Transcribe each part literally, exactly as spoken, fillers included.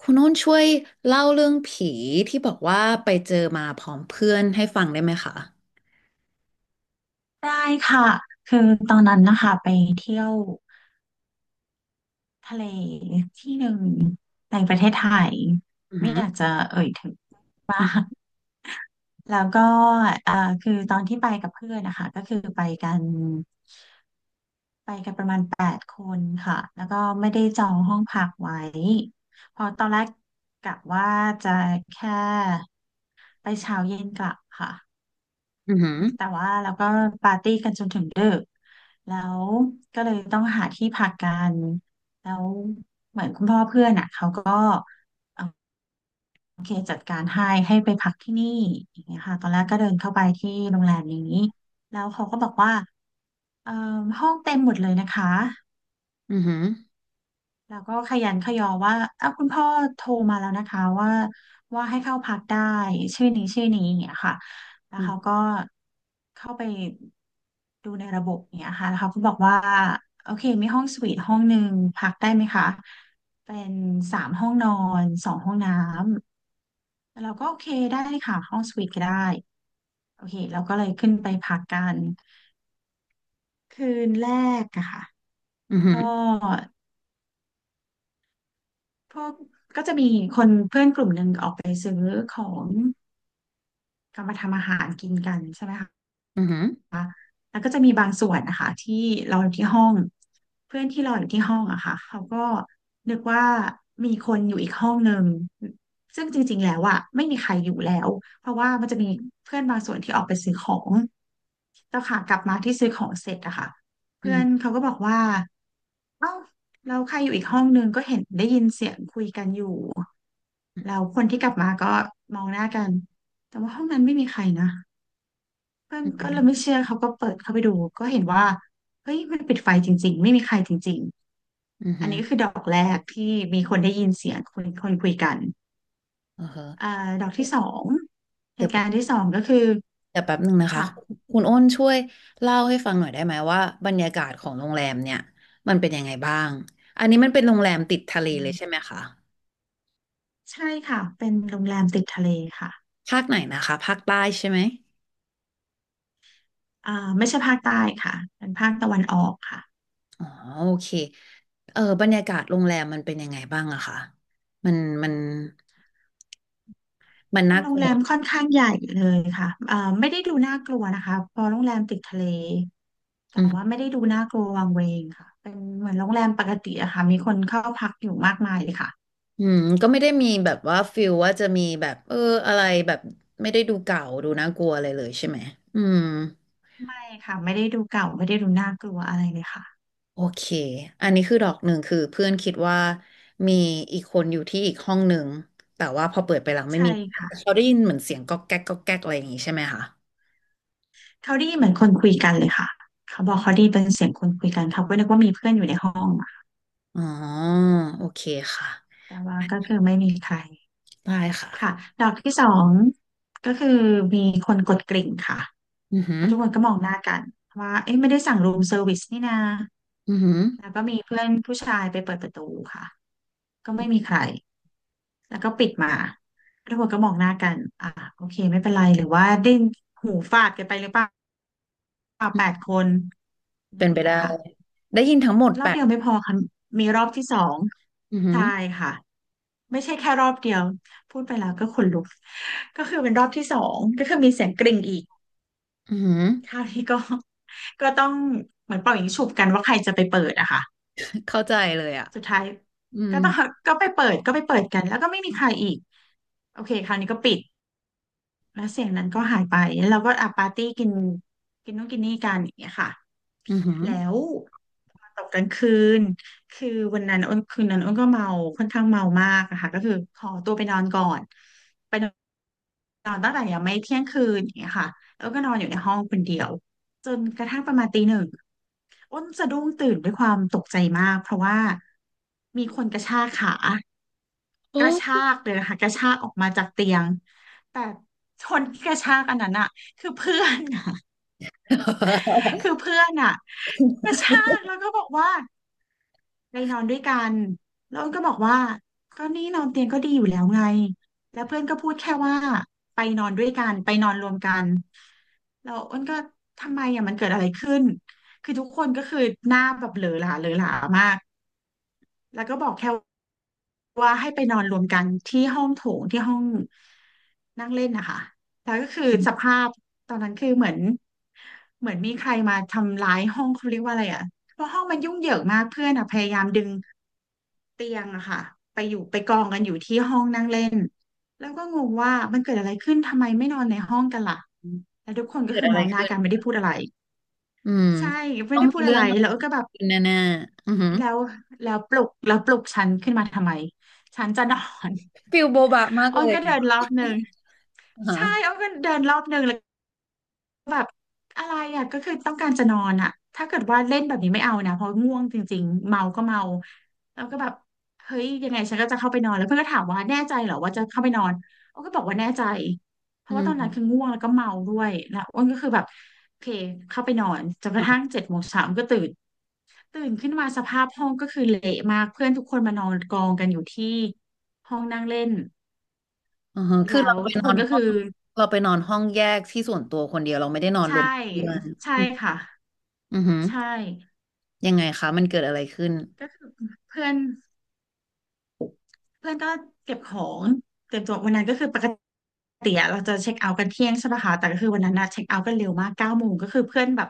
คุณโน้นช่วยเล่าเรื่องผีที่บอกว่าไปเจอมาพร้อมเพื่อนให้ฟังได้ไหมคะได้ค่ะคือตอนนั้นนะคะไปเที่ยวทะเลที่หนึ่งในประเทศไทยอือไม่หืออยากจะเอ่ยถึงมากแล้วก็เอ่อคือตอนที่ไปกับเพื่อนนะคะก็คือไปกันคนค่ะแล้วก็ไม่ได้จองห้องพักไว้เพอตอนแรกกะว่าจะแค่ไปเช้าเย็นกลับค่ะ อือหือแต่ว่าเราก็ปาร์ตี้กันจนถึงดึก แล้วก็เลยต้องหาที่พักกัน แล้วเหมือนคุณพ่อเพื่อนอ่ะเขาก็เอ่อโอเคจัดการให้ให้ไปพักที่นี่อย่างเงี้ยค่ะตอนแรกก็เดินเข้าไปที่โรงแรมนี้แล้วเขาก็บอกว่าเอ่อห้องเต็มหมดเลยนะคะ อือหือแล้วก็ขยันขยอว่าอ้าวคุณพ่อโทรมาแล้วนะคะว่าว่าให้เข้าพักได้ชื่อนี้ชื่อนี้อย่างเงี้ยค่ะแล้วเขาอก็เข้าไปดูในระบบอย่างเงี้ยค่ะแล้วเขาก็บอกว่าโอเคมีห้องสวีทห้องหนึ่งพักได้ไหมคะเป็นสามห้องนอนสองห้องน้ำแล้วเราก็โอเคได้ค่ะห้องสวีทก็ได้โอเคเราก็เลยขึ้นไปพักกันคืนแรกอะค่ะือหืก็อพวกกลับมาทำอาหารกินกันใช่ไหมคะ อือหือแล้วก็จะมีบางส่วนนะคะที่เราอยู่ที่ห้องเพื่อนที่เราอยู่ที่ห้องอะค่ะเขาก็นึกว่ามีคนอยู่อีกห้องหนึ่งซึ่งจริงๆแล้วอะไม่มีใครอยู่แล้วเพราะว่ามันจะมีเพื่อนบางส่วนที่ออกไปซื้อของแล้วค่ะกลับมาที่ซื้อของเสร็จอะค่ะอืเพื่ออหืนอเขาก็บอกว่าเอ้าเราใครอยู่อีกเราคนที่กลับมาก็มองหน้ากันแต่ว่าห้องนั้นไม่มีใครนะ เพื่อนอือก็หือเลยไม่เชื่อเขาก็เปิดเข้าไปดูก็เห็นว่าเฮ้ยมันปิดไฟจริงๆไม่มีใครจริงอือๆอัหืนอนี้ก็คือดอกแรกที่มีคนได้ยินเสียงคนคนคุยกันเอออ่าดอกที่สองเหเดี๋ยวตุแป๊การณ์บที่สองก็คือเดี๋ยวแป๊บหนึ่งนะคะค่ะคุณอ้นช่วยเล่าให้ฟังหน่อยได้ไหมว่าบรรยากาศของโรงแรมเนี่ยมันเป็นยังไงบ้างอันนี้มันเป็นโรงแรมติดทะเลอืเลยมใช่ไหมคะใช่ค่ะเป็นโรงแรมติดทะเลค่ะภาคไหนนะคะภาคใต้ใช่ไหม อ่าไม่ใช่ภาคใต้ค่ะเป็นภาคตะวันออกค่ะ อ๋อโอเคเออบรรยากาศโรงแรมมันเป็นยังไงบ้างอะคะมันมันมันมัน่านโรกงลัแรวมค่อนข้างใหญ่เลยค่ะเอ่อไม่ได้ดูน่ากลัวนะคะพอโรงแรมติดทะเลอืแต่ว่ามไม่ได้ดูน่ากลัววังเวงค่ะเป็นเหมือนโรงแรมปกติอะค่ะมีคนเข้าพักอยู่มากมายเลยค่ะ อืมก็ไม่ได้มีแบบว่าฟิลว่าจะมีแบบเอออะไรแบบไม่ได้ดูเก่าดูน่ากลัวอะไรเลยใช่ไหมอืมไม่ค่ะไม่ได้ดูเก่า ไม่ได้ดูน่ากลัวอะไรเลยค่ะโอเคอันนี้คือดอกหนึ่งคือเพื่อนคิดว่ามีอีกคนอยู่ที่อีกห้องหนึ่งแต่ว่าพอเปิดไปหลังไม่ใช่มีเขาค่ะได้ยินเหมือนเสียงก๊อกแก๊กก๊อกแก๊กอะไรอย่างงี้ใช่ไหมคะเขาได้ยินเหมือนคนคุยกันเลยค่ะเขาบอกเขาได้ยินเป็นเสียงคนคุยกันเขาก็นึกว่ามีเพื่อนอยู่ในห้องอะอ๋อโอเคค่ะแต่ว่าก็คือไม่มีใครได้ค่ะค่ะดอกที่สองก็คือมีคนกดกริ่งค่ะ อือหือแล้วทุกคนก็มองหน้ากันว่าเอ๊ะไม่ได้สั่งรูมเซอร์วิสนี่นาอือหือ แล้วก็มีเพื่อนผู้ชายไปเปิดประตูค่ะก็ไม่มีใครแล้วก็ปิดมาทุกคนก็มองหน้ากันอ่าโอเคไม่เป็นไรหรือว่าได้หูฟาดกันไปหรือเปล่าแปดคนอะไรเป็อนย่างไปเงี้ยได้ค่ะได้ยินทั้งหมดรแปอบดเดียวไม่พอค่ะมีรอบที่สองอือหืใช่อค่ะไม่ใช่แค่รอบเดียวพูดไปแล้วก็ขนลุกก็คือเป็นรอบที่สองก็คือมีเสียงกริ่งอีก อือหือคราวนี้ก็ ก็ต้องเหมือนเป่ายิงฉุบกันว่าใครจะไปเปิดอะค่ะเข้าใจเลยอ่ะสุดท้ายอืมก็ต้องก็ไปเปิดก็ไปเปิดกันแล้วก็ไม่มีใครอีกโอเคคราวนี้ก็ปิดแล้วเสียงนั้นก็หายไปแล้วเราก็อ่ะปาร์ตี้กินกินนู่นกินนี่กันอย่างเงี้ยค่ะ อือหือแล้วตกกลางคืนคือวันนั้นอ้นคืนนั้นอ้นก็เมาค่อนข้างเมามากอะค่ะก็คือขอตัวไปนอนก่อนไปนอนนอนตั้งแต่ยังไม่เที่ยงคืนอย่างเงี้ยค่ะแล้วก็นอนอยู่ในห้องคนเดียวจนกระทั่งประมาณตีหนึ่งอ้นสะดุ้งตื่นด้วยความตกใจมากเพราะว่ามีคนกระชากขาโอกระชา้ กเลยนะคะกระชากออกมาจากเตียงแต่คนที่กระชากอันนั้นอะคือเพื่อนอะ คือเพื่อนอ่ะกระชากแล้วก็บอกว่าไปนอนด้วยกันแล้วก็บอกว่าก็นี่นอนเตียงก็ดีอยู่แล้วไงแล้วเพื่อนก็พูดแค่ว่าไปนอนด้วยกันไปนอนรวมกันแล้วอ้นก็ทำไมอ่ะมันเกิดอะไรขึ้นคือทุกคนก็คือหน้าแบบเหลอหลาเหลอหลามาก แล้วก็บอกแค่ว่าให้ไปนอนรวมกันที่ห้องโถงที่ห้องนั่งเล่นนะคะแล้วก็คือสภาพตอนนั้นคือเหมือนเหมือนมีใครมาทำร้ายห้องเขาเรียกว่าอะไรอ่ะเพราะห้องมันยุ่งเหยิงมากเพื่อนอ่ะพยายามดึงเตียงอะค่ะไปอยู่ไปกองกันอยู่ที่ห้องนั่งเล่นแล้วก็งงว่ามันเกิดอะไรขึ้นทำไมไม่นอนในห้องกันล่ะแล้วทุกคนก็เกิดคืออะมไรองหน้าขึ้นกันไม่ได้พูดอะไรอืมใช่ไม่ต้องได้มีพูดอะเรื่อไรงอะไรแล้วก็แบบ ขึ้นแน่ๆอือหือแล้วแล้วปลุกแล้วปลุกฉันขึ้นมาทำไมฉันจะนอน ๆฟิลโบบะมาก อ้อเลนยก็เดิอ่ะนรอบหนึ่งอ่าใช่ฮะอ้อนก็เดินรอบหนึ่งแล้ว แบบอะไรอ่ะก็คือต้องการจะนอนอ่ะถ้าเกิดว่าเล่นแบบนี้ไม่เอานะเพราะง่วงจริงๆเมาก็เมาแล้วก็แบบเฮ้ยยังไงฉันก็จะเข้าไปนอนแล้วเพื่อนก็ถามว่าแน่ใจเหรอว่าจะเข้าไปนอนอ้นก็บอกว่าแน่ใจเพอืราะว่าตอนนั้นมคือง่วงแล้วก็เมาด้วยแล้วอ้นก็คือแบบโอเคเข้าไปนอนจนกระทั่งอ่าเจ็ดโมงเช้าก็ตื่นตื่นขึ้นมาสภาพห้องก็คือเละมากเพื่อนทุกคนมานอนกองกันอยู่ที่ห้องนั่งเล่นอ่าฮะคือแล้เราวไปทุกนคอนนก็ห้อคืองเราไปนอนห้องแยกที่ส่วนตัวคนเดียวเราไม่ได้นอนรใช่วมเพื่อนใช่อืมค่ะอือหือใช่ ยังไงคะมันเกิดอะไรขึ้นก็คือเพื่อนเพื่อนก็เก็บของเก็บตัววันนั้นก็คือปกติอะเราจะเช็คเอาท์กันเที่ยงใช่ปะคะแต่ก็คือวันนั้นนะเช็คเอาท์กันเร็วมากเก้าโมงก็คือเพื่อนแบบ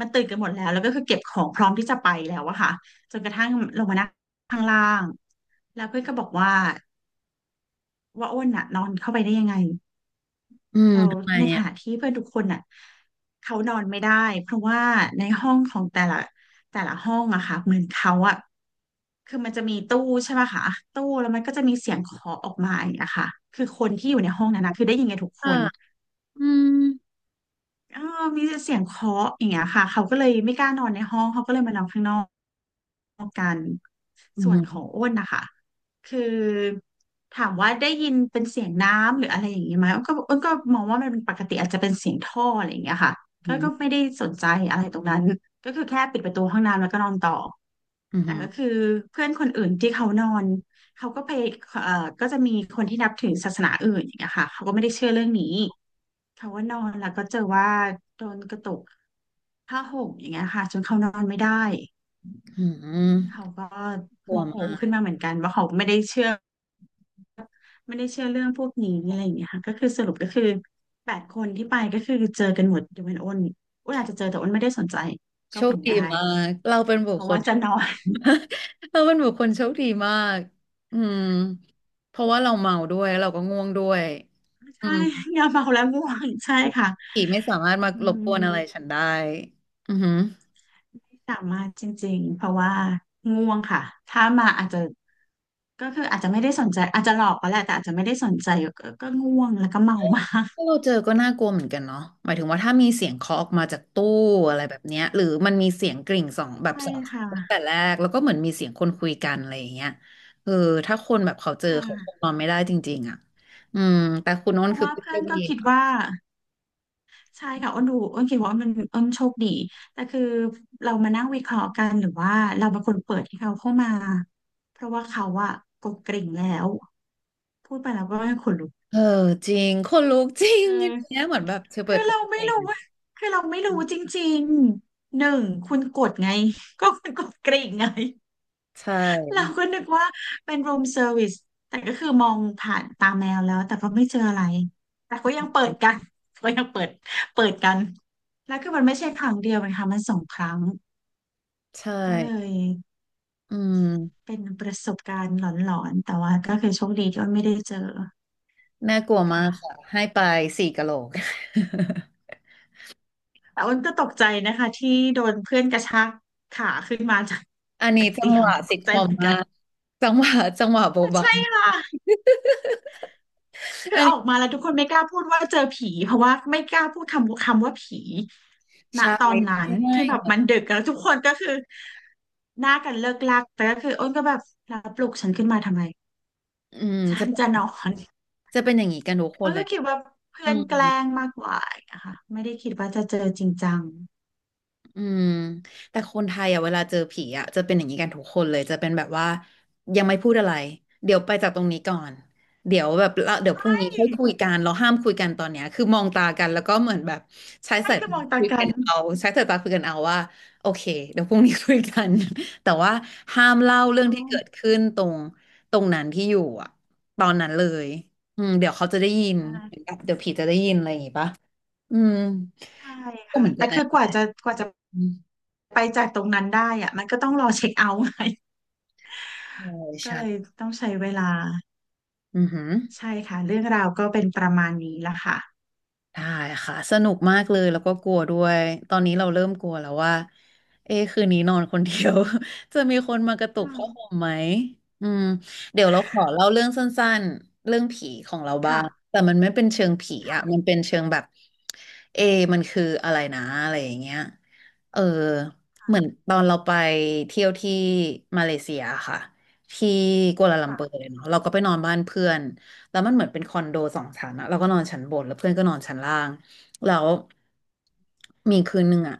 มันตื่นกันหมดแล้วแล้วก็คือเก็บของพร้อมที่จะไปแล้วอะค่ะจนกระทั่งลงมานั่งข้างล่างแล้วเพื่อนก็บอกว่าว่าอ้นอะนอนเข้าไปได้ยังไงอืมเราทำไมในขอ่ะณะที่เพื่อนทุกคนอะเขานอนไม่ได้เพราะว่าในห้องของแต่ละแต่ละห้องอะค่ะเหมือนเขาอะ คือมันจะมีตู้ใช่ไหมคะตู้แล้วมันก็จะมีเสียงเคาะออกมาอย่างเงี้ยค่ะคือคนที่อยู่ในห้องนั้นนะคือได้ยินกันทุกคอ่ะน อืมเออมีเสียงเคาะอย่างเงี้ยค่ะเขาก็เลยไม่กล้านอนในห้องเขาก็เลยมานอนข้างนอกกันอืส่วนขอมงอ้นนะคะคือถามว่าได้ยินเป็นเสียงน้ำหรืออะไรอย่างนี้ไหมอ้นก็อ้นก็มองว่ามันเป็นปกติอาจจะเป็นเสียงท่ออะไรอย่างเงี้ยค่ะอืก็ก็มไม่ได้สนใจอะไรตรงนั้นก็คือแค่ปิดประตูห้องน้ำแล้วก็นอนต่ออืแต่ก็คือเพื่อนคนอื่นที่เขานอนเขาก็ไปเอ่อก็จะมีคนที่นับถือศาสนาอื่นอย่างเงี้ยค่ะเขาก็ไม่ได้เชื่อเรื่องนี้ เขาว่านอนแล้วก็เจอว่าโดนกระตุกผ้าห่มอย่างเงี้ยค่ะจนเขานอนไม่ได้มอืมเขาก็กลัโมวโหมาขึ้นก มาเหมือนกันว่าเขาไม่ได้เชื่อไม่ได้เชื่อเรื่องพวกนี้อะไรอย่างเงี้ยค่ะก็คือสรุปก็คือแปดคนที่ไปก็คือเจอกันหมดยกเว้นอ้นอ้นอาจจะเจอแต่อ้นไม่ได้สนใจก็โชคเป็นดีได้มาก เราเป็นบุเพคราะคว่าล จะนอน เราเป็นบุคคลโชคดีมากอืมเพราะว่าเราเมาด้วยเราก็ง่วงด้วย อืใช่มอย่าเมาแล้วง่วงใช่ค่ะผีไม่สามารถมาอืรบกวนอะไรฉัม นได้อือหือสามารถจริงๆเพราะว่าง่วงค่ะถ้ามาอาจจะก็คืออาจจะไม่ได้สนใจอาจจะหลอกก็แหละแต่อาจจะไม่ได้สนใจก็ก็ง่วงแล้วก็เมามากถ้าเราเจอก็น่ากลัวเหมือนกันเนาะหมายถึงว่าถ้ามีเสียงเคาะออกมาจากตู้อะไรแบบเนี้ยหรือมันมีเสียงกริ่งสองแบใช่บสองครั้งค่ะตั้งแต่แรกแล้วก็เหมือนมีเสียงคนคุยกันอะไรอย่างเงี้ยเออถ้าคนแบบเขาเจอคเขาคง่ะนอนไม่ได้จริงๆอ่ะอืมแต่คุณโน้เพนราะคือว่าเป็นเพื่อเพื่อนนก็ดี คิดว่าใช่ค่ะอ้นดูอ้นคิดว่าอ้นเป็นอ้นโชคดีแต่คือเรามานั่งวิเคราะห์กันหรือว่าเราเป็นคนเปิดให้เขาเข้ามาเพราะว่าเขาอะกดกริ่งแล้วพูดไปแล้วก็ขนลุกเออจริงคนลุกจริงคือย่าอ งเงี้ยเหมือนแบบเธอเปิคืดอกับเราตัวไม่เอรู้งว่าคือเราไม่รู้จริงๆหนึ่งคุณกดไง ก็คุณกดกริ่งไง ใช่ เราก็นึกว่าเป็นรูมเซอร์วิสแต่ก็คือมองผ่านตาแมวแล้วแต่ก็ไม่เจออะไรแต่ก็ยังเปิดกัน ก็ยังเปิดเปิดกันแล้วคือมันไม่ใช่ครั้งเดียวนะคะมันสองครั้งใชก็เล่ยอืมเป็นประสบการณ์หลอนๆแต่ว่าก็คือโชคดีที่ว่าไม่ได้เจอน่ากลัวมาค่ะ กค่ะให้ไปสี่กะโหลก แต่อ้นก็ตกใจนะคะที่โดนเพื่อนกระชากขาขึ้นมาจาก อันนี้จากจัเตีงยหงวะตซิทกคใจอเหมมือนมากันกจังหวะจังหวะโบบะใช่ค่ะคือัอนอนี้อกมาแล้วทุกคนไม่กล้าพูดว่าเจอผีเพราะว่าไม่กล้าพูดคำคำว่าผีณใช่ตอนใชนั้นที่แบบ่มันดึกแล้วทุกคนก็คือหน้ากันเลิกลักแต่ก็คืออ้นก็แบบแล้วปลุกฉันขึ้นมาทำไมอืมฉัจะนเป็นจะนอนจะเป็นอย่างนี้กันทุกคอ้นนเลยก็คิดว่าอืเพื่อนม แกล้งมากกว่านะคะไม่ได้คิดว่าจะเจอจริงจังอืมแต่คนไทยอ่ะเวลาเจอผีอ่ะจะเป็นอย่างนี้กันทุกคนเลยจะเป็นแบบว่ายังไม่พูดอะไรเดี๋ยวไปจากตรงนี้ก่อนเดี๋ยวแบบละเดี๋ยวพรุ่งนี้ค่อยคุยกันเราห้ามคุยกันตอนเนี้ยคือมองตากันแล้วก็เหมือนแบบใช้ให้สายกตาระบอกตาคุยกักันนเอาใช้สายตาคุยกันเอาว่าโอเคเดี๋ยวพรุ่งนี้คุยกัน แต่ว่าห้ามเล่าอ๋เรื่อ องที่เกิดขึ้นตรงตรงนั้นที่อยู่อ่ะตอนนั้นเลยอืมเดี๋ยวเขาจะได้ยินเดี๋ยวผีจะได้ยินอะไรอย่างงี้ปะอืมใช่ก็ค่ะเหมือนกัแต่นคืนะ อกว่าจะกว่าจะไปจากตรงนั้นได้อะมันก็ต้องรอเช็คเอาท์ไง ใช่ ก็ใช่เลยต้องใช้เวลาอือหือใช่ค่ะเรื่องราวก็เป็นประมาณนี้ละค่ะได้ค่ะสนุกมากเลยแล้วก็กลัวด้วยตอนนี้เราเริ่มกลัวแล้วว่าเอ๊ะคืนนี้นอนคนเดียว จะมีคนมากระตุกอืมผ้าห่มไหมอืมเดี๋ยวเราขอเล่าเรื่องสั้นๆเรื่องผีของเราบ้างค่ะแต่มันไม่เป็นเชิงผีอ่ะมันเป็นเชิงแบบเอะมันคืออะไรนะอะไรอย่างเงี้ยเออเหมือนตอนเราไปเที่ยวที่มาเลเซียค่ะที่กัวลาลัมเปอร์เค่ะเนาะเราก็ไปนอนบ้านเพื่อน แล้วมันเหมือนเป็นคอนโดสองชั้นอะเราก็นอนชั้นบนแล้วเพื่อนก็นอนชั้นล่างแล้วมีคืนหนึ่งอะ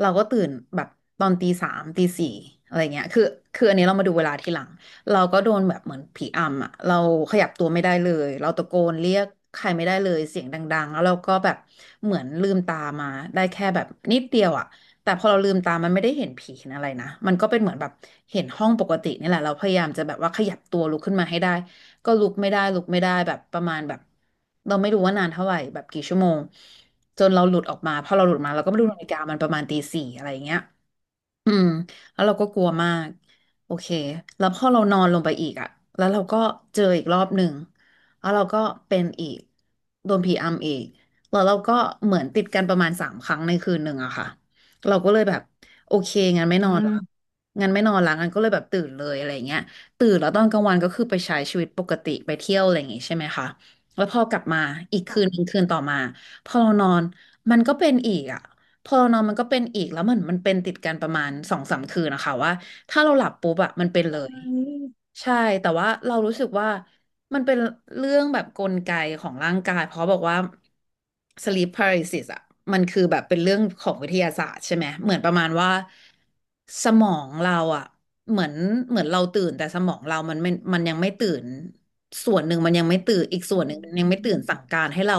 เราก็ตื่นแบบตอนตีสามตีสี่อะไรเงี้ยคือคืออันนี้เรามาดูเวลาทีหลังเราก็โดนแบบเหมือนผีอำอะเราขยับตัวไม่ได้เลยเราตะโกนเรียกใครไม่ได้เลยเสียงดังๆแล้วเราก็แบบเหมือนลืมตามาได้แค่แบบนิดเดียวอะแต่พอเราลืมตามันไม่ได้เห็นผีเห็นอะไรนะมันก็เป็นเหมือนแบบเห็นห้องปกตินี่แหละเราพยายามจะแบบว่าขยับตัวลุกขึ้นมาให้ได้ ก็ลุกไม่ได้ลุกไม่ได้แบบประมาณแบบเราไม่รู้ว่านานเท่าไหร่แบบกี่ชั่วโมงจนเราหลุดออกมาพอเราหลุดมาเราก็ไม่อืรู้มนาฬิกามันประมาณตีสี่อะไรอย่างเงี้ย อืมแล้วเราก็กลัวมากโอเคแล้วพอเรานอนลงไปอีกอะแล้วเราก็เจออีกรอบหนึ่งแล้วเราก็เป็นอีกโดนผีอำอีกแล้วเราก็เหมือนติดกันประมาณสามครั้งในคืนหนึ่งอะค่ะเราก็เลยแบบโอเคงั้นไม่อืนอนมละงั้นไม่นอนละงั้นก็เลยแบบตื่นเลยอะไรเงี้ยตื่นแล้วตอนกลางวันก็คือไปใช้ชีวิตปกติไปเที่ยวอะไรอย่างงี้ใช่ไหมคะแล้วพอกลับมาอีกคืนหค่ะนึ่งคืนต่อมาพอเรานอนมันก็เป็นอีกอะ พอเรานอนมันก็เป็นอีกแล้วเหมือนมันเป็นติดกันประมาณสองสามคืนนะคะว่าถ้าเราหลับปุ๊บอะมันเป็นเลย เอ้ยใช่แต่ว่าเรารู้สึกว่ามันเป็นเรื่องแบบกลไกของร่างกายเพราะบอกว่า sleep paralysis อ่ะมันคือแบบเป็นเรื่องของวิทยาศาสตร์ใช่ไหมเหมือนประมาณว่าสมองเราอ่ะเหมือนเหมือนเราตื่นแต่สมองเรามันไม่มันยังไม่ตื่นส่วนหนึ่งมันยังไม่ตื่นอีกส่วนอืหนึ่งมันยังไม่ตื่นสั่มงการให้เรา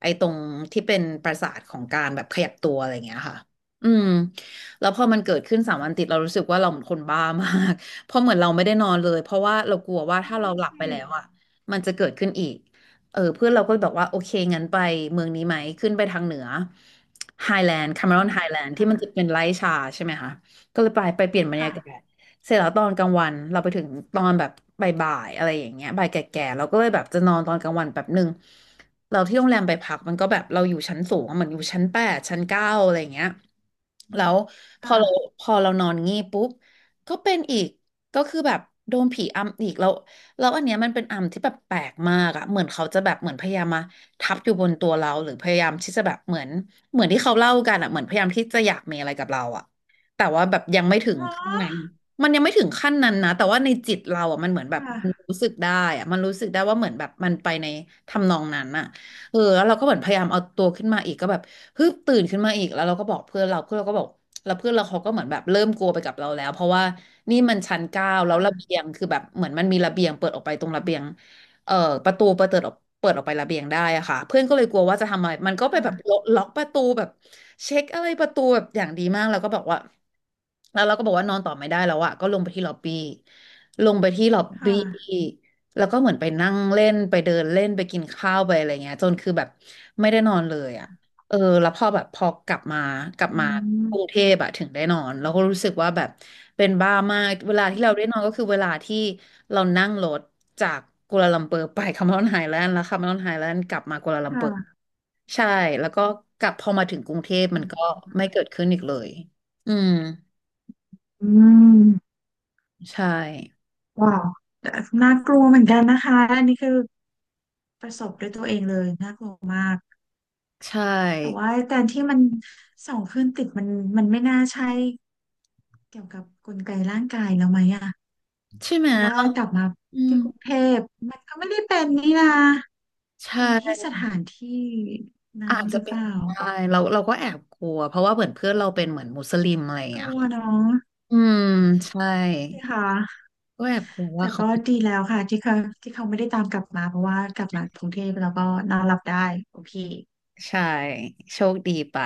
ไอ้ตรงที่เป็นประสาทของการแบบขยับตัวอะไรอย่างเงี้ยค่ะอืมแล้วพอมันเกิดขึ้นสามวันติดเรารู้สึกว่าเราเหมือนคนบ้ามาก เพราะเหมือนเราไม่ได้นอนเลยเพราะว่าเรากลัวว่าถ้านั่เรานหลับไปสิแล้วอ่ะมันจะเกิดขึ้นอีกเออเพื่อนเราก็บอกว่าโอเคงั้นไปเมืองนี้ไหมขึ้นไปทางเหนือไฮแลนด์คาเมอืรอนมไฮแลนด์ที่มันจะค่ะเป็นไร่ชาใช่ไหมคะก็เลยไปไปเปลี่ยนบรรยากาค่ะศเสร็จแล้วตอนกลางวันเราไปถึงตอนแบบบ่ายๆอะไรอย่างเงี้ยบ่ายแก่ๆเราก็เลยแบบจะนอนตอนกลางวันแบบหนึ่งเราที่โรงแรมไปพักมันก็แบบเราอยู่ชั้นสูงอะเหมือนอยู่ชั้นแปดชั้นเก้าอะไรอย่างเงี้ยแล้วพอเราค่ะพอเรานอนงี้ปุ๊บก็เป็นอีก ก็คือแบบโดนผีอำอีกแล้วแล้วอันเนี้ยมันเป็นอำที่แบบแปลกมากอะเหมือนเขาจะแบบเหมือนพยายามมาทับอยู่บนตัวเราหรือพยายามที่จะแบบเหมือนเหมือนที่เขาเล่ากันอะเหมือนพยายามที่จะอยากมีอะไรกับเราอะ เนาขั้นนั้นะมันยังไม่ถึงขั้นนั้นนะแต่ว่าในจิตเราอ่ะมันเหมือนคแบบมัน่ะรู้สึกได้อ่ะมันรู้สึกได้ว่าเหมือนแบบมันไปในทำนองนั้นอ่ะเออแล้วเราก็เหมือนพยายามเอาตัวขึ้นมาอีกก็แบบฮึบตื่นขึ้นมาอีกแล้วเราก็บอกเพื่อนเราเพื่อนเราก็บอกแล้วเพื่อนเราเขาก็เหมือนแบบเริ่มกลัวไปกับเราแล้วเพราะว่านี่มันชั้นเก้าแล้วระเบีค่ะยงคือแบบเหมือนมันมีระเบียงเปิดออกไปตรงระเบียง เอ่อประตูเปิดเปิดออกเปิดออกไประเบียงได้อะค่ะเพื่อนก็เลยกลัวว่าจะทำอะไรมันก็ไปค่ะแบบล็อกล็อกประตูแบบเช็คอะไรประตูแบบอย่างดีมากแล้วก็บอกว่าแล้วเราก็บอกว่านอนต่อไม่ได้แล้วอะก็ลงไปที่ล็อบบี้ลงไปที่ล็อบคบี้่ะแล้วก็เหมือนไปนั่งเล่นไปเดินเล่นไปกินข้าวไปอะไรเงี้ยจนคือแบบไม่ได้นอนเลยอะ เออแล้วพอแบบพอกลับมากลับอืมากรุงเทมพอะถึงได้นอนแล้วก็รู้สึกว่าแบบเป็นบ้ามากเวลาอืที่เราได้นอนก็มคือเวลาที่เรานั่งรถจากกัวลาลัมเปอร์ไปคาเมรอนไฮแลนด์แล้วคาเมรอนไฮแลนด์กลับมากัวลาลัมเปอร์ค่ะใช่แล้วก็กลับพอมาถึงกรุงเทพอืมันก็มไม่เกิดขึ้นอีกเลยอืมอืมใช่ว้าวแต่น่ากลัวเหมือนกันนะคะอันนี้คือ ประสบด้วยตัวเองเลยน่ากลัวมากใช่แต่ว่าแต่ที่มันส่องขึ้นติดมันมันไม่น่าใช่เกี่ยวกับกลไกร่างกายแล้วไหมอะใช่ไหเพมราะว่ากลับมาอืมที่กรุงเทพมันก็ไม่ได้เป็นนี่นะใช่เป็นที่สถานที่อานั้นจหจะรือเป็เปนล่าได้เราเราก็แอบกลัวเพราะว่าเหมือนเพื่อนเราเป็นเหมือนมุสลิมอะไรอย่างกเงี้ยลัวเน้องอืมใช่ ใช่ค่ะก็แบบกือแต่ว่าเขาก็ดีแล้วค่ะที่เขาที่เขาไม่ได้ตามกลับมาเพราะว่ากลับมากรุงเทพแล้วก็นอนหลับได้โอเคใช่โชคดีไป